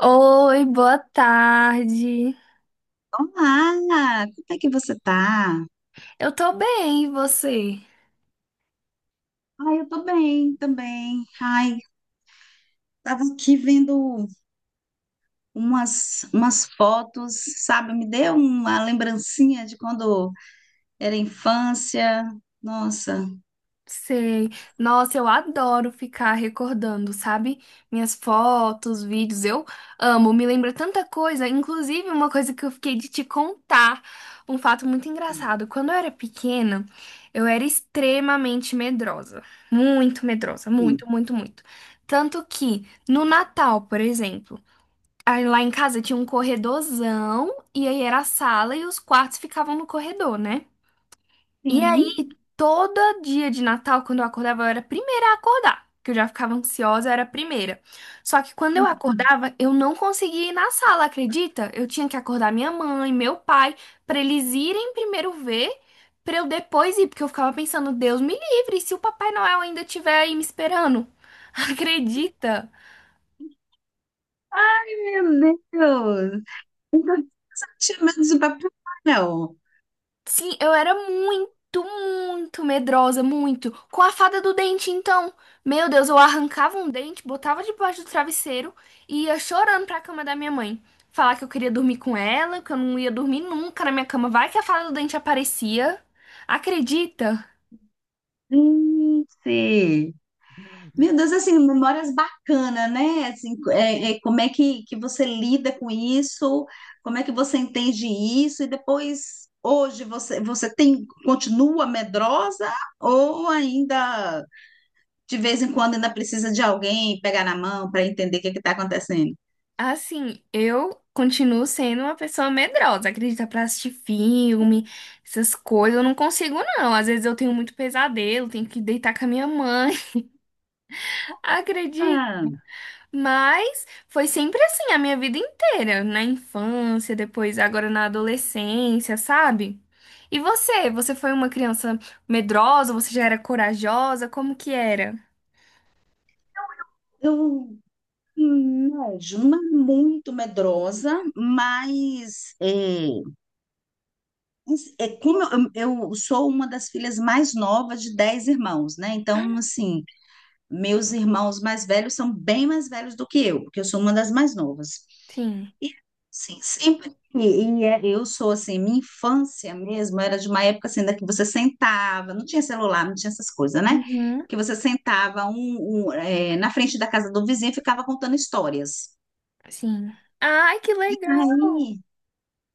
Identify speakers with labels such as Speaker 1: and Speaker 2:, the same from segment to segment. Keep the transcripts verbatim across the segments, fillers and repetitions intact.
Speaker 1: Oi, boa tarde.
Speaker 2: Olá, como é que você tá?
Speaker 1: Eu tô bem, e você?
Speaker 2: Ai, eu tô bem também. Ai, tava aqui vendo umas, umas fotos, sabe? Me deu uma lembrancinha de quando era infância. Nossa.
Speaker 1: Sei. Nossa, eu adoro ficar recordando, sabe? Minhas fotos, vídeos, eu amo. Me lembra tanta coisa, inclusive uma coisa que eu fiquei de te contar, um fato muito engraçado. Quando eu era pequena, eu era extremamente medrosa. Muito medrosa,
Speaker 2: Hum.
Speaker 1: muito, muito, muito. Tanto que no Natal, por exemplo, aí lá em casa tinha um corredorzão, e aí era a sala e os quartos ficavam no corredor, né? E aí,
Speaker 2: Sim.
Speaker 1: todo dia de Natal, quando eu acordava, eu era a primeira a acordar, que eu já ficava ansiosa, eu era a primeira. Só que quando eu acordava, eu não conseguia ir na sala, acredita? Eu tinha que acordar minha mãe, meu pai, pra eles irem primeiro ver, pra eu depois ir, porque eu ficava pensando, Deus me livre, se o Papai Noel ainda estiver aí me esperando. Acredita?
Speaker 2: Meu Deus! Tinha medo de Papai Noel.
Speaker 1: Sim, eu era muito, muito medrosa, muito. Com a fada do dente, então. Meu Deus, eu arrancava um dente, botava debaixo do travesseiro e ia chorando pra cama da minha mãe. Falar que eu queria dormir com ela, que eu não ia dormir nunca na minha cama. Vai que a fada do dente aparecia. Acredita?
Speaker 2: Gente! Meu Deus, assim, memórias bacanas, né? Assim, é, é, como é que, que você lida com isso? Como é que você entende isso? E depois, hoje, você, você tem, continua medrosa ou ainda, de vez em quando, ainda precisa de alguém pegar na mão para entender o que está acontecendo?
Speaker 1: Assim, eu continuo sendo uma pessoa medrosa. Acredita, pra assistir filme, essas coisas, eu não consigo, não. Às vezes eu tenho muito pesadelo, tenho que deitar com a minha mãe. Acredita?
Speaker 2: Ah,
Speaker 1: Mas foi sempre assim a minha vida inteira, na infância, depois agora na adolescência, sabe? E você? Você foi uma criança medrosa? Você já era corajosa? Como que era?
Speaker 2: eu, hum, não, Ju, não é muito medrosa, mas... é, é como eu, eu sou uma das filhas mais novas de dez irmãos, né? Então, assim, meus irmãos mais velhos são bem mais velhos do que eu, porque eu sou uma das mais novas.
Speaker 1: Sim.
Speaker 2: E, assim, sempre. E, e é- eu sou, assim, minha infância mesmo era de uma época, assim, da que você sentava, não tinha celular, não tinha essas coisas, né?
Speaker 1: Uhum.
Speaker 2: Que você sentava um, um, é, na frente da casa do vizinho e ficava contando histórias.
Speaker 1: Sim. Ai, que
Speaker 2: E
Speaker 1: legal!
Speaker 2: aí,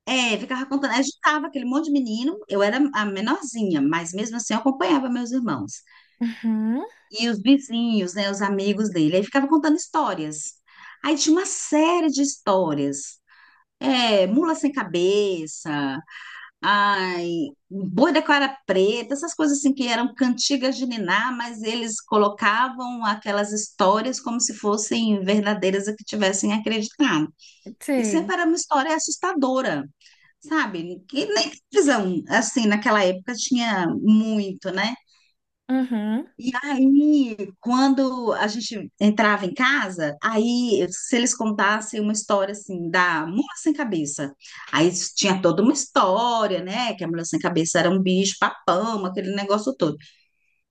Speaker 2: É, ficava contando. Eu juntava aquele monte de menino, eu era a menorzinha, mas mesmo assim eu acompanhava meus irmãos.
Speaker 1: Uhum.
Speaker 2: E os vizinhos, né, os amigos dele. Aí ficava contando histórias. Aí tinha uma série de histórias. É, mula sem cabeça, ai, boi da cara preta, essas coisas assim que eram cantigas de niná, mas eles colocavam aquelas histórias como se fossem verdadeiras e que tivessem acreditado. E
Speaker 1: Sei.
Speaker 2: sempre era uma história assustadora, sabe? E nem televisão, assim, naquela época tinha muito, né?
Speaker 1: Uhum.
Speaker 2: E aí, quando a gente entrava em casa, aí se eles contassem uma história assim da mula sem cabeça, aí tinha toda uma história, né? Que a mula sem cabeça era um bicho papão, aquele negócio todo.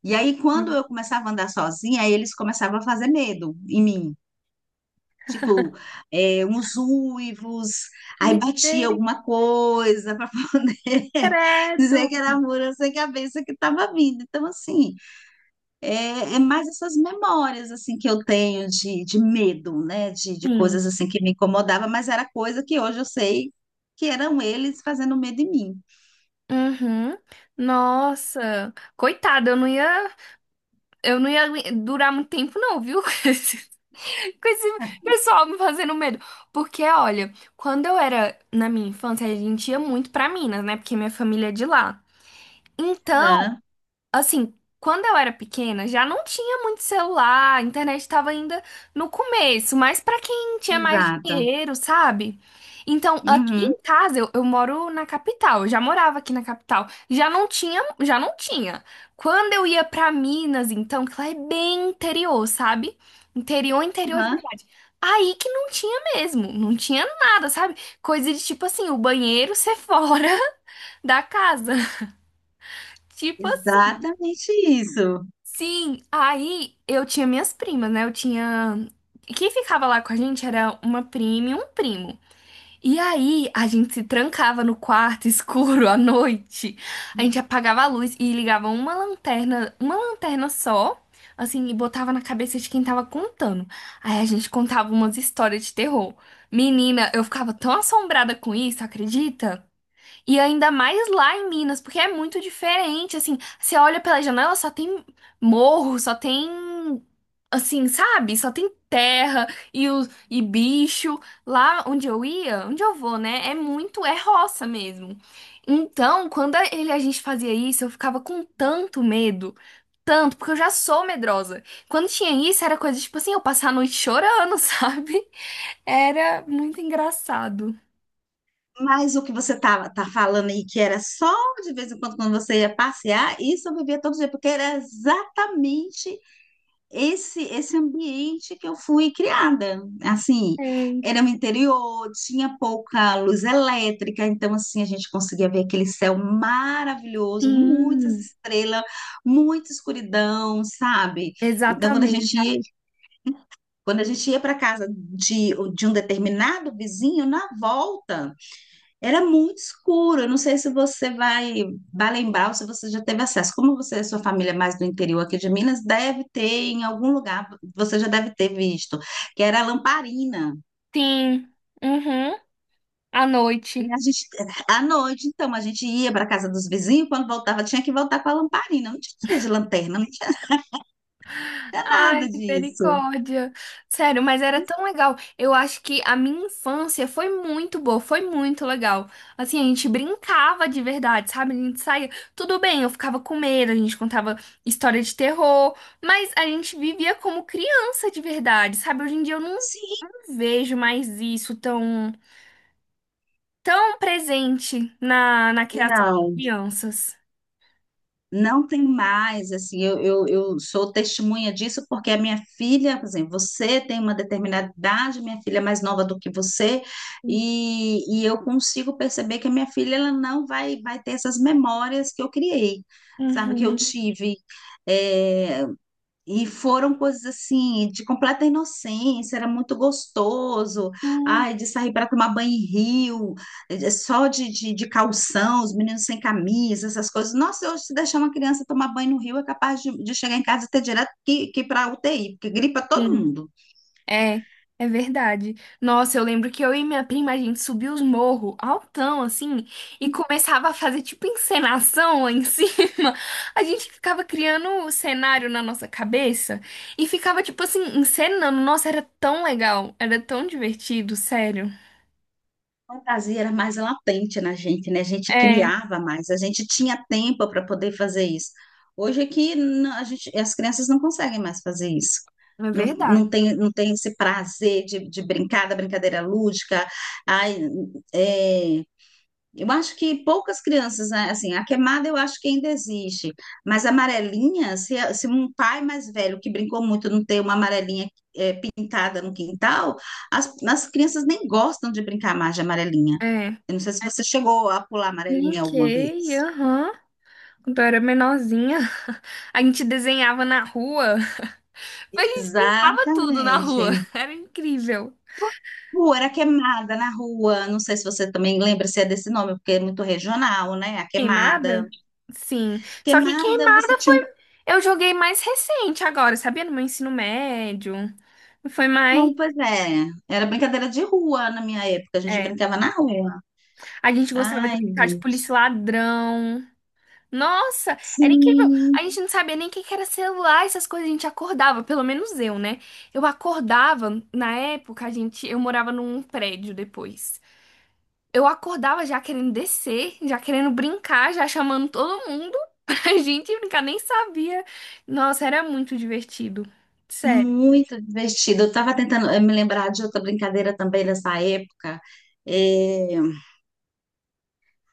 Speaker 2: E aí, quando eu começava a andar sozinha, aí eles começavam a fazer medo em mim. Tipo, é, uns uivos, aí batia
Speaker 1: Sei.
Speaker 2: alguma coisa para poder dizer que
Speaker 1: Credo.
Speaker 2: era mura sem cabeça que estava vindo. Então, assim, é, é mais essas memórias assim que eu tenho de, de medo, né? De, de coisas
Speaker 1: Sim.
Speaker 2: assim que me incomodava, mas era coisa que hoje eu sei que eram eles fazendo medo em mim.
Speaker 1: Uhum. Nossa, coitada, eu não ia, eu não ia durar muito tempo não, viu? Com esse pessoal me fazendo medo. Porque, olha, quando eu era na minha infância, a gente ia muito pra Minas, né? Porque minha família é de lá. Então,
Speaker 2: Aham,
Speaker 1: assim, quando eu era pequena, já não tinha muito celular, a internet estava ainda no começo, mas para quem tinha mais
Speaker 2: exato.
Speaker 1: dinheiro, sabe? Então, aqui
Speaker 2: Uhum,
Speaker 1: em casa, eu, eu moro na capital, eu já morava aqui na capital, já não tinha, já não tinha. Quando eu ia para Minas, então, que lá é bem interior, sabe? Interior, interior de
Speaker 2: uhum.
Speaker 1: verdade. Aí que não tinha mesmo, não tinha nada, sabe? Coisa de tipo assim, o banheiro ser fora da casa. Tipo assim.
Speaker 2: Exatamente isso.
Speaker 1: Sim, aí eu tinha minhas primas, né? Eu tinha. Quem ficava lá com a gente era uma prima e um primo. E aí a gente se trancava no quarto escuro à noite. A gente apagava a luz e ligava uma lanterna, uma lanterna só, assim, e botava na cabeça de quem tava contando. Aí a gente contava umas histórias de terror. Menina, eu ficava tão assombrada com isso, acredita? E ainda mais lá em Minas, porque é muito diferente, assim, você olha pela janela, só tem morro, só tem, assim, sabe? Só tem terra e, o, e bicho. Lá onde eu ia, onde eu vou, né? É muito, é roça mesmo. Então, quando a- ele, a gente fazia isso, eu ficava com tanto medo, tanto, porque eu já sou medrosa. Quando tinha isso, era coisa, tipo assim, eu passar a noite chorando, sabe? Era muito engraçado.
Speaker 2: Mas o que você estava tá falando aí, que era só de vez em quando, quando você ia passear, isso eu vivia todo dia, porque era exatamente esse esse ambiente que eu fui criada. Assim,
Speaker 1: É.
Speaker 2: era no interior, tinha pouca luz elétrica, então, assim, a gente conseguia ver aquele céu maravilhoso, muitas
Speaker 1: Sim.
Speaker 2: estrelas, muita escuridão, sabe? Então, quando a gente
Speaker 1: Exatamente.
Speaker 2: ia, quando a gente ia para casa de, de um determinado vizinho, na volta. Era muito escuro. Eu não sei se você vai, vai lembrar ou se você já teve acesso. Como você e sua família é mais do interior aqui de Minas, deve ter em algum lugar, você já deve ter visto, que era a lamparina.
Speaker 1: Sim. Uhum. À
Speaker 2: E
Speaker 1: noite.
Speaker 2: a gente, à noite, então, a gente ia para a casa dos vizinhos, quando voltava, tinha que voltar com a lamparina. Não tinha coisa de lanterna, não tinha
Speaker 1: Ai,
Speaker 2: nada disso.
Speaker 1: misericórdia. Sério, mas era tão legal. Eu acho que a minha infância foi muito boa, foi muito legal. Assim, a gente brincava de verdade, sabe? A gente saía. Tudo bem, eu ficava com medo, a gente contava história de terror, mas a gente vivia como criança de verdade, sabe? Hoje em dia eu não
Speaker 2: Sim,
Speaker 1: vejo mais isso tão, tão presente na, na criação das
Speaker 2: não.
Speaker 1: crianças.
Speaker 2: Não tem mais, assim, eu, eu, eu sou testemunha disso porque a minha filha, por exemplo, você tem uma determinada idade, minha filha é mais nova do que você, e, e eu consigo perceber que a minha filha ela não vai, vai ter essas memórias que eu criei, sabe, que eu
Speaker 1: Uhum.
Speaker 2: tive. É, e foram coisas assim, de completa inocência, era muito gostoso. Ai, de sair para tomar banho em rio, eh, eh, só de, de, de calção, os meninos sem camisa, essas coisas. Nossa, hoje, se deixar uma criança tomar banho no rio, é capaz de, de chegar em casa e ter direto que, que para U T I, porque gripa todo
Speaker 1: Sim.
Speaker 2: mundo.
Speaker 1: É, é verdade. Nossa, eu lembro que eu e minha prima, a gente subia os morros altão, assim, e começava a fazer tipo encenação lá em cima. A gente ficava criando o cenário na nossa cabeça e ficava, tipo assim, encenando. Nossa, era tão legal, era tão divertido, sério.
Speaker 2: A fantasia era mais latente na gente, né? A gente
Speaker 1: É,
Speaker 2: criava mais, a gente tinha tempo para poder fazer isso. Hoje é que não- a gente, as crianças não conseguem mais fazer isso.
Speaker 1: é
Speaker 2: Não,
Speaker 1: verdade.
Speaker 2: não tem, não tem esse prazer de, de brincar, da brincadeira lúdica. Ai, é, eu acho que poucas crianças, né, assim, a queimada eu acho que ainda existe, mas a amarelinha, se, a- se um pai mais velho que brincou muito não tem uma amarelinha eh, pintada no quintal, as, as crianças nem gostam de brincar mais de amarelinha.
Speaker 1: É.
Speaker 2: Eu não sei se você chegou a pular amarelinha alguma vez.
Speaker 1: Brinquei, aham. Quando eu era menorzinha, a gente desenhava na rua. A gente pintava tudo na rua.
Speaker 2: Exatamente.
Speaker 1: Era incrível.
Speaker 2: Pô, era queimada na rua, não sei se você também lembra se é desse nome, porque é muito regional, né? A queimada.
Speaker 1: Queimada? Sim. Só que
Speaker 2: Queimada, você
Speaker 1: queimada
Speaker 2: tinha
Speaker 1: foi.
Speaker 2: um...
Speaker 1: Eu joguei mais recente agora, sabia? No meu ensino médio. Foi mais.
Speaker 2: Não, pois é. Era brincadeira de rua na minha época. A gente
Speaker 1: É.
Speaker 2: brincava na rua.
Speaker 1: A gente gostava de
Speaker 2: Ai,
Speaker 1: brincar de
Speaker 2: gente.
Speaker 1: polícia e ladrão. Nossa, era incrível.
Speaker 2: Sim,
Speaker 1: A gente não sabia nem o que que era celular, essas coisas. A gente acordava, pelo menos eu, né? Eu acordava, na época, a gente, eu morava num prédio depois. Eu acordava já querendo descer, já querendo brincar, já chamando todo mundo pra gente brincar, nem sabia. Nossa, era muito divertido. Sério.
Speaker 2: muito divertido. Eu estava tentando eh, me lembrar de outra brincadeira também nessa época. É...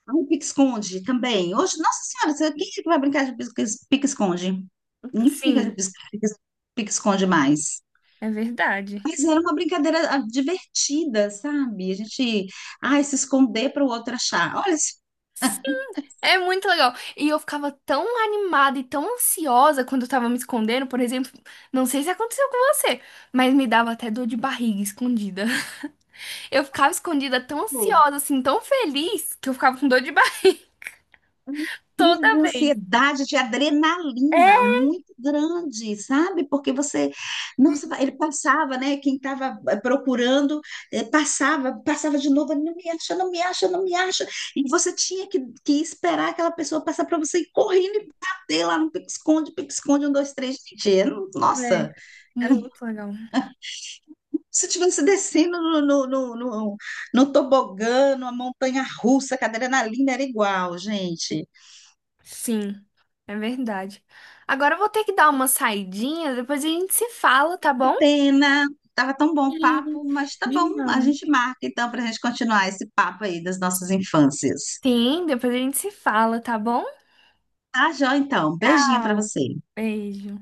Speaker 2: ai, pique-esconde também. Hoje, nossa senhora, você- quem é que vai brincar de pique- pique-esconde? Ninguém brinca
Speaker 1: Sim,
Speaker 2: de pique- pique-esconde mais.
Speaker 1: é verdade.
Speaker 2: Mas era uma brincadeira ah, divertida, sabe? A gente, ai, se esconder para o outro achar. Olha, isso.
Speaker 1: É muito legal. E eu ficava tão animada e tão ansiosa quando eu tava me escondendo, por exemplo. Não sei se aconteceu com você, mas me dava até dor de barriga escondida. Eu ficava escondida tão ansiosa, assim, tão feliz, que eu ficava com dor de barriga
Speaker 2: Uma crise de
Speaker 1: toda vez.
Speaker 2: ansiedade, de adrenalina
Speaker 1: É,
Speaker 2: muito grande, sabe? Porque você, nossa, ele passava, né? Quem estava procurando, eh, passava, passava de novo, não me acha, não me acha, não me acha. E você tinha que, que esperar aquela pessoa passar para você ir correndo e bater lá no pique-esconde, pique-esconde, um, dois, três, gente. eu-
Speaker 1: é.
Speaker 2: Nossa! Era um,
Speaker 1: Muito
Speaker 2: como
Speaker 1: legal.
Speaker 2: se estivesse descendo no, no, no, no, no tobogã, numa montanha russa, que a adrenalina era igual, gente.
Speaker 1: Sim, é verdade. Agora eu vou ter que dar uma saidinha, depois a gente se fala, tá bom?
Speaker 2: Que pena. Tava tão bom o papo,
Speaker 1: Sim,
Speaker 2: mas tá bom. A
Speaker 1: demais.
Speaker 2: gente marca então para a gente continuar esse papo aí das nossas infâncias.
Speaker 1: Sim, depois a gente se fala, tá bom?
Speaker 2: Tá, joia, então. Beijinho para
Speaker 1: Tchau.
Speaker 2: você.
Speaker 1: Beijo.